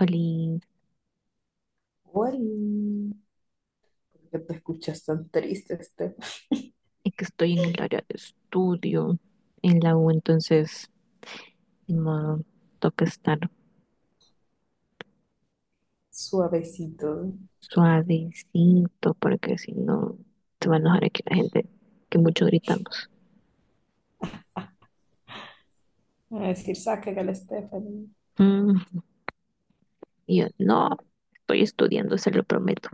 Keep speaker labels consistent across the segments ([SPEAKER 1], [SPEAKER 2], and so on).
[SPEAKER 1] Oli,
[SPEAKER 2] Oli, ¿por qué te escuchas tan triste,
[SPEAKER 1] es que estoy en el área de estudio en la U, entonces ni modo, toca estar
[SPEAKER 2] suavecito?
[SPEAKER 1] suavecito porque si no se va a enojar aquí la gente que mucho gritamos.
[SPEAKER 2] Van a decir, saca al Stephanie.
[SPEAKER 1] Mm, y yo, no, estoy estudiando, se lo prometo.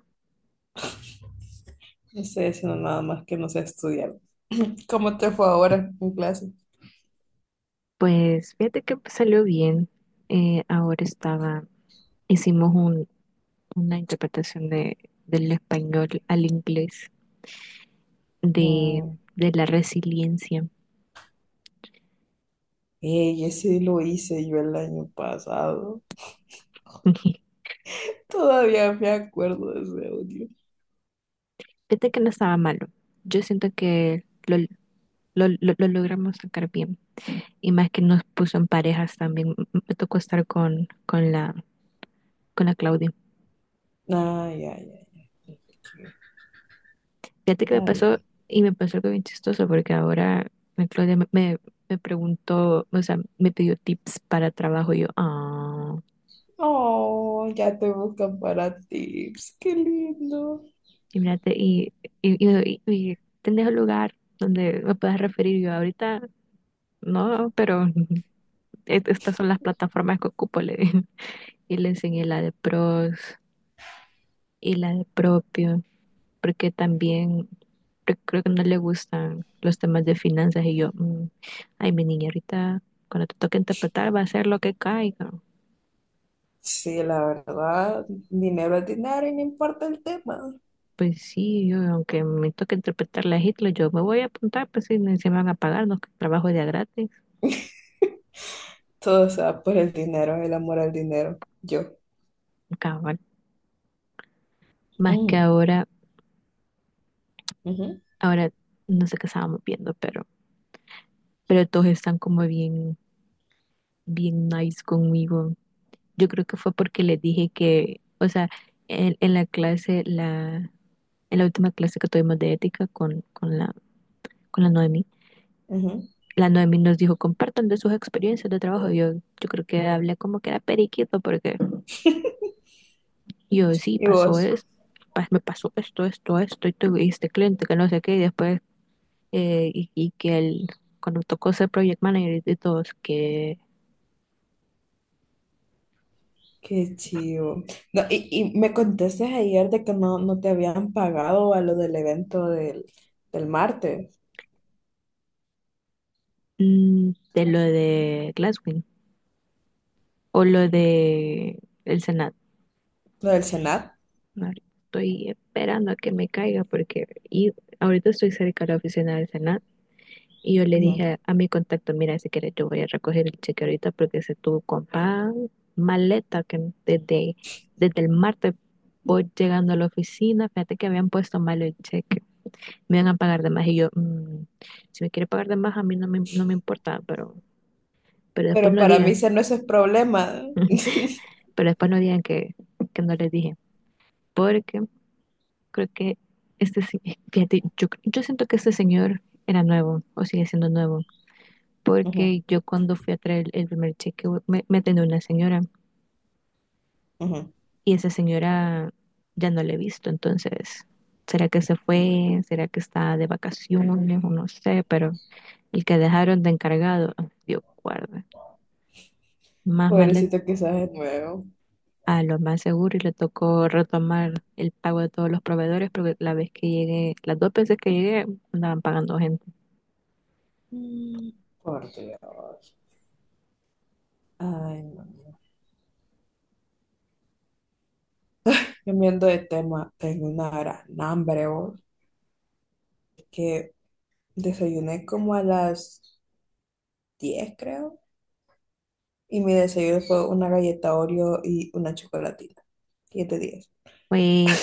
[SPEAKER 2] No estoy haciendo nada más que no sé, estudiar. ¿Cómo te fue ahora en clase?
[SPEAKER 1] Pues fíjate que salió bien. Ahora estaba, hicimos una interpretación del español al inglés, de,
[SPEAKER 2] Mm,
[SPEAKER 1] de la resiliencia.
[SPEAKER 2] ey, ese lo hice yo el año pasado. Todavía me acuerdo de ese audio.
[SPEAKER 1] Fíjate que no estaba malo. Yo siento que lo logramos sacar bien. Y más que nos puso en parejas también. Me tocó estar con la Claudia.
[SPEAKER 2] Ah, ya, ya, ya.
[SPEAKER 1] Fíjate que me
[SPEAKER 2] Está
[SPEAKER 1] pasó,
[SPEAKER 2] bien.
[SPEAKER 1] y me pasó algo bien chistoso, porque ahora la Claudia me preguntó, o sea, me pidió tips para trabajo. Y yo, ah,
[SPEAKER 2] Oh, ya te buscan para tips. Qué lindo.
[SPEAKER 1] y mírate, y, ¿tenés un lugar donde me puedas referir? Y yo, ahorita no, pero estas son las plataformas que ocupo, le dije, y le enseñé la de pros, y la de propio, porque también creo que no le gustan los temas de finanzas y yo, ay, mi niña, ahorita cuando te toque interpretar va a ser lo que caiga.
[SPEAKER 2] Sí, la verdad, dinero es dinero y no importa el tema.
[SPEAKER 1] Pues sí, yo, aunque me toque interpretar la Hitler, yo me voy a apuntar, pues sí, se me van a pagar, no que trabajo de a gratis,
[SPEAKER 2] Todo se va por el dinero, el amor al dinero. Yo.
[SPEAKER 1] cabal. Más que
[SPEAKER 2] Mm,
[SPEAKER 1] ahora,
[SPEAKER 2] ujú,
[SPEAKER 1] ahora no sé qué estábamos viendo, pero, todos están como bien, bien nice conmigo. Yo creo que fue porque les dije que, o sea, en, en la clase la, en la última clase que tuvimos de ética con la Noemi,
[SPEAKER 2] ujú.
[SPEAKER 1] la Noemi nos dijo, compartan de sus experiencias de trabajo. Yo creo que hablé como que era periquito, porque yo sí,
[SPEAKER 2] ¿Y
[SPEAKER 1] pasó
[SPEAKER 2] vos?
[SPEAKER 1] esto, me pasó esto, esto, esto, y tuve este cliente que no sé qué, y después, y que él, cuando tocó ser project manager de todos, que
[SPEAKER 2] Qué chido. No, y me contaste ayer de que no te habían pagado a lo del evento del, del martes,
[SPEAKER 1] de lo de Glasswing o lo de el Senado.
[SPEAKER 2] lo del Senat.
[SPEAKER 1] Estoy esperando a que me caiga porque y ahorita estoy cerca de la oficina del Senado. Y yo le dije
[SPEAKER 2] Ujú.
[SPEAKER 1] a mi contacto, mira, si quieres yo voy a recoger el cheque ahorita porque ese tu compa maleta que desde el martes voy llegando a la oficina, fíjate que habían puesto mal el cheque, me iban a pagar de más y yo, "Si me quiere pagar de más a mí no me importa, pero después
[SPEAKER 2] Pero
[SPEAKER 1] no
[SPEAKER 2] para mí
[SPEAKER 1] digan,
[SPEAKER 2] ese no es el problema.
[SPEAKER 1] pero después no digan que no les dije, porque creo que este, se- fíjate, yo siento que este señor era nuevo o sigue siendo nuevo
[SPEAKER 2] Ujú,
[SPEAKER 1] porque yo cuando fui a traer el primer cheque me atendió una señora
[SPEAKER 2] ujú.
[SPEAKER 1] y esa señora ya no la he visto, entonces, ¿será que se fue? ¿Será que está de vacaciones? O no sé, pero el que dejaron de encargado, ah, Dios guarda, más maleta.
[SPEAKER 2] Pobrecito, quizás es nuevo.
[SPEAKER 1] A lo más seguro y le tocó retomar el pago de todos los proveedores porque la vez que llegué, las dos veces que llegué, andaban pagando gente.
[SPEAKER 2] Mm, por Dios. Ay, no. Cambiando de tema, tengo una gran hambre, vos, que desayuné como a las 10 creo, y mi desayuno fue una galleta Oreo y una chocolatina. 7:10.
[SPEAKER 1] Fue.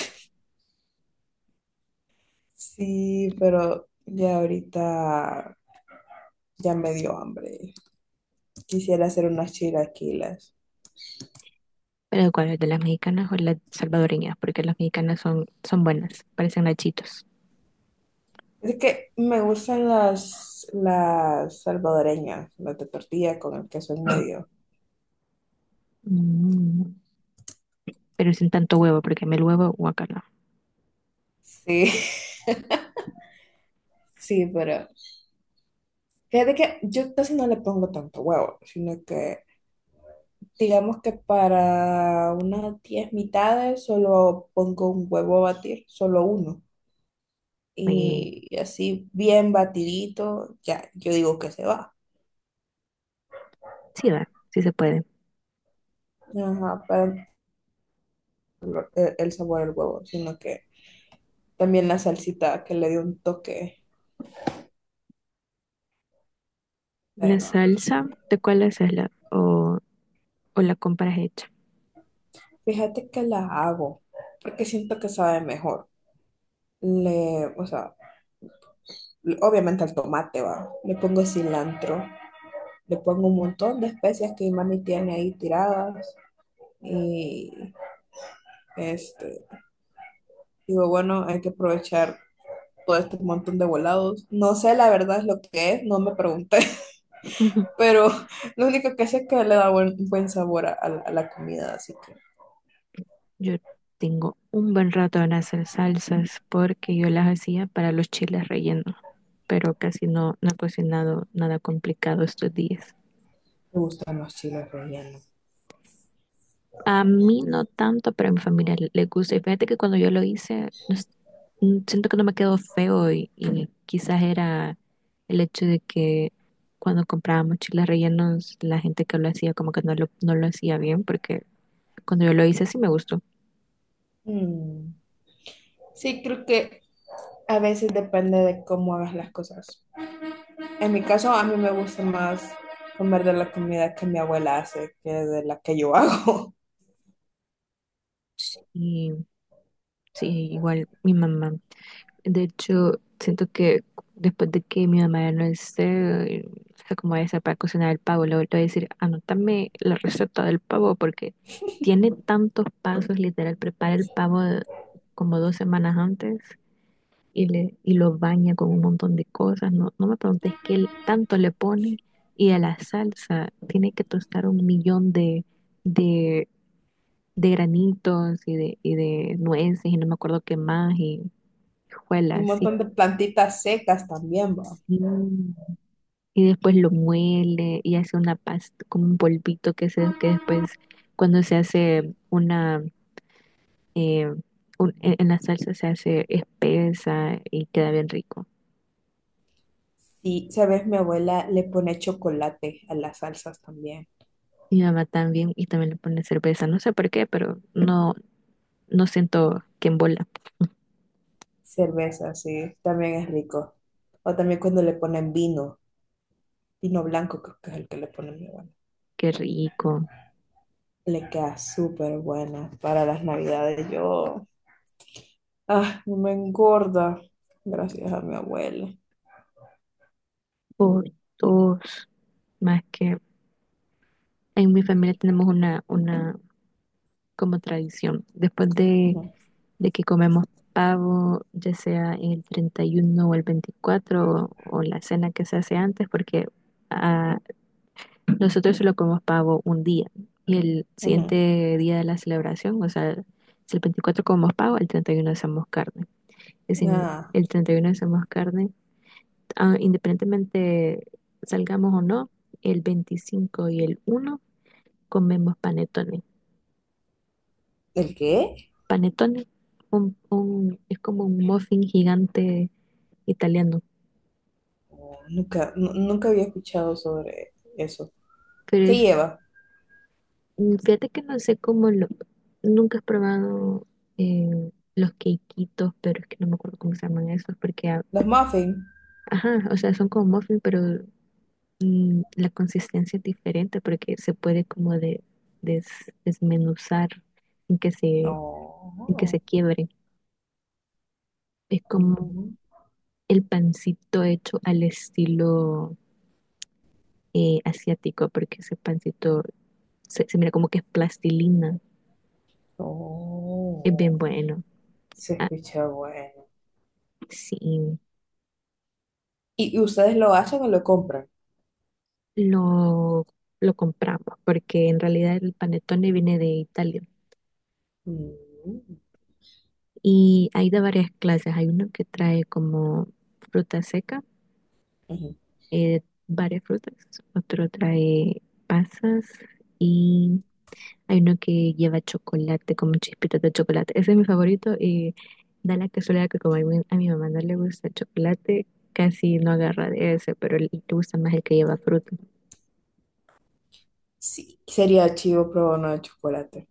[SPEAKER 2] Sí, pero ya ahorita ya me dio hambre. Quisiera hacer unas chilaquilas.
[SPEAKER 1] Pero ¿cuál es de las mexicanas o las salvadoreñas? Porque las mexicanas son buenas, parecen nachitos.
[SPEAKER 2] Es que me gustan las salvadoreñas, las de tortilla con el queso en medio.
[SPEAKER 1] Mm, pero sin tanto huevo, porque a mí el huevo, guacala.
[SPEAKER 2] Sí, sí, pero fíjate que yo casi no le pongo tanto huevo, sino que digamos que para unas 10 mitades solo pongo un huevo a batir, solo uno.
[SPEAKER 1] Y
[SPEAKER 2] Y así bien batidito, ya yo digo que se va.
[SPEAKER 1] sí va, sí se puede.
[SPEAKER 2] Ajá, para el sabor del huevo, sino que también la salsita que le dio un toque.
[SPEAKER 1] La
[SPEAKER 2] Pero
[SPEAKER 1] salsa, ¿de cuál haces la o la compras hecha?
[SPEAKER 2] fíjate que la hago, porque siento que sabe mejor. Le, o sea, le- obviamente al tomate va. Le pongo cilantro, le pongo un montón de especias que mi mami tiene ahí tiradas. Este, digo, bueno, hay que aprovechar todo este montón de volados. No sé, la verdad es lo que es, no me pregunté,
[SPEAKER 1] Ujú.
[SPEAKER 2] pero lo único que sé es que le da buen, buen sabor a la, a la comida, así que
[SPEAKER 1] Yo tengo un buen rato en hacer salsas porque yo las hacía para los chiles rellenos, pero casi no he cocinado nada complicado estos días.
[SPEAKER 2] me gustan los chiles rellenos.
[SPEAKER 1] A mí no tanto, pero a mi familia le gusta. Y fíjate que cuando yo lo hice, no es- mm, siento que no me quedó feo y quizás era el hecho de que cuando comprábamos chiles rellenos, la gente que lo hacía como que no lo hacía bien, porque cuando yo lo hice sí me gustó.
[SPEAKER 2] Mm. Sí, creo que a veces depende de cómo hagas las cosas. En mi caso, a mí me gusta más comer de la comida que mi abuela hace que de la que yo hago.
[SPEAKER 1] Y sí, igual mi mamá. De hecho, siento que después de que mi mamá ya no esté, o sea, como esa para cocinar el pavo, le voy a decir, anótame la receta del pavo porque tiene tantos pasos, literal, prepara el pavo como 2 semanas antes y lo baña con un montón de cosas. No, no me preguntes qué tanto le pone y a la salsa tiene que tostar un millón de, de granitos y de, nueces y no me acuerdo qué más y
[SPEAKER 2] Y un
[SPEAKER 1] juela, sí.
[SPEAKER 2] montón de plantitas secas también, va.
[SPEAKER 1] Mm, Y después lo muele y hace una pasta, como un polvito que se, que después cuando se hace una, eh, en la salsa se hace espesa y queda bien rico.
[SPEAKER 2] Sí, sabes, mi abuela le pone chocolate a las salsas también.
[SPEAKER 1] Mi mamá también, y también le pone cerveza, no sé por qué, pero no siento que embola.
[SPEAKER 2] Cerveza, sí, también es rico. O también cuando le ponen vino, vino blanco creo que es el que le pone mi abuela.
[SPEAKER 1] Qué rico.
[SPEAKER 2] Le queda súper buena para las navidades. Yo, ah, me engorda gracias a mi abuela.
[SPEAKER 1] Por dos, más que en mi familia tenemos una como tradición. Después de
[SPEAKER 2] Ujú,
[SPEAKER 1] de que comemos pavo, ya sea el 31 o el 24 o la cena que se hace antes, porque ah, nosotros solo comemos pavo un día y el
[SPEAKER 2] ujú.
[SPEAKER 1] siguiente día de la celebración, o sea, si el 24 comemos pavo, el 31 hacemos carne. Y si
[SPEAKER 2] Ah,
[SPEAKER 1] el 31 hacemos carne, independientemente salgamos o no, el 25 y el 1 comemos panetones.
[SPEAKER 2] ¿el qué?
[SPEAKER 1] Panetones, es como un muffin gigante italiano.
[SPEAKER 2] Oh, nunca, nu- nunca había escuchado sobre eso.
[SPEAKER 1] Pero
[SPEAKER 2] ¿Qué
[SPEAKER 1] es,
[SPEAKER 2] lleva?
[SPEAKER 1] fíjate que no sé nunca he probado, los quequitos, pero es que no me acuerdo cómo se llaman esos, porque,
[SPEAKER 2] ¿Los muffins?
[SPEAKER 1] ajá, o sea, son como muffin, pero la consistencia es diferente, porque se puede como desmenuzar, sin que se, sin que se
[SPEAKER 2] Oh,
[SPEAKER 1] quiebre. Es como
[SPEAKER 2] mm,
[SPEAKER 1] el pancito hecho al estilo, asiático, porque ese pancito se mira como que es plastilina, es
[SPEAKER 2] oh.
[SPEAKER 1] bien bueno.
[SPEAKER 2] Se
[SPEAKER 1] Ah,
[SPEAKER 2] escucha bueno.
[SPEAKER 1] sí.
[SPEAKER 2] Y ustedes lo hacen o lo compran?
[SPEAKER 1] lo, lo compramos, porque en realidad el panettone viene de Italia
[SPEAKER 2] Mm,
[SPEAKER 1] y hay de varias clases. Hay uno que trae como fruta seca,
[SPEAKER 2] ujú.
[SPEAKER 1] eh, varias frutas, otro trae pasas y hay uno que lleva chocolate, como chispitas de chocolate. Ese es mi favorito y da la casualidad que como a mi mamá no le gusta el chocolate, casi no agarra de ese, pero le gusta más el que lleva fruta.
[SPEAKER 2] Sí, sería chivo probar uno de chocolate.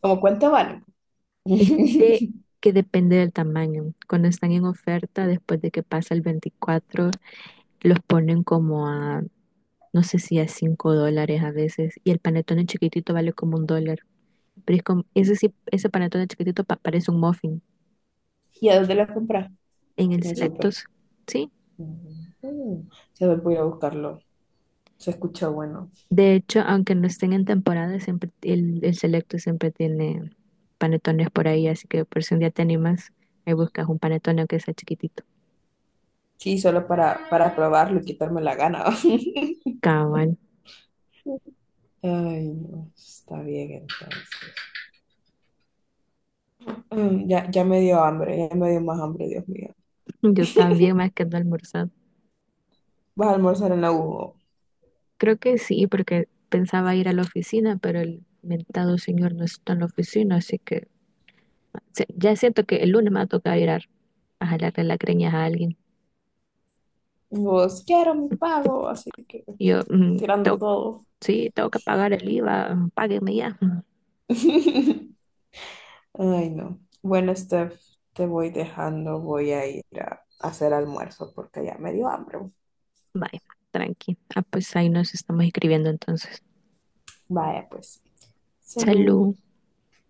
[SPEAKER 2] ¿Cómo cuánto vale?
[SPEAKER 1] Fíjate
[SPEAKER 2] ¿Y
[SPEAKER 1] que depende del tamaño. Cuando están en oferta, después de que pasa el 24 los ponen como a, no sé si a $5 a veces. Y el panetone chiquitito vale como $1. Pero es como, ese sí, ese panetone chiquitito parece un muffin.
[SPEAKER 2] a dónde lo compras?
[SPEAKER 1] En el
[SPEAKER 2] En el súper.
[SPEAKER 1] Selectos, sí.
[SPEAKER 2] Mm, se me voy a buscarlo. Se escucha bueno.
[SPEAKER 1] De hecho, aunque no estén en temporada, siempre el Selecto siempre tiene panetones por ahí. Así que por si un día te animas, ahí buscas un panetone que sea chiquitito.
[SPEAKER 2] Sí, solo para probarlo y quitarme la gana.
[SPEAKER 1] Cabal.
[SPEAKER 2] Ay, no, está bien entonces. Mm, ya me dio hambre, ya me dio más hambre, Dios mío.
[SPEAKER 1] Yo también, más que no he.
[SPEAKER 2] ¿Vas a almorzar en la U?
[SPEAKER 1] Creo que sí, porque pensaba ir a la oficina, pero el mentado señor no está en la oficina, así que ya siento que el lunes me va a tocar ir a jalarle las creñas a alguien.
[SPEAKER 2] Vos, quiero mi pago, así que
[SPEAKER 1] Y Yo, mm,
[SPEAKER 2] tirando
[SPEAKER 1] tengo-
[SPEAKER 2] todo.
[SPEAKER 1] sí, tengo que pagar el IVA, páguenme ya.
[SPEAKER 2] Ay, no. Bueno, Steph, te voy dejando. Voy a ir a hacer almuerzo porque ya me dio hambre.
[SPEAKER 1] Vaya, tranqui. Ah, pues ahí nos estamos escribiendo entonces.
[SPEAKER 2] Vaya, pues. Salud.
[SPEAKER 1] Salud.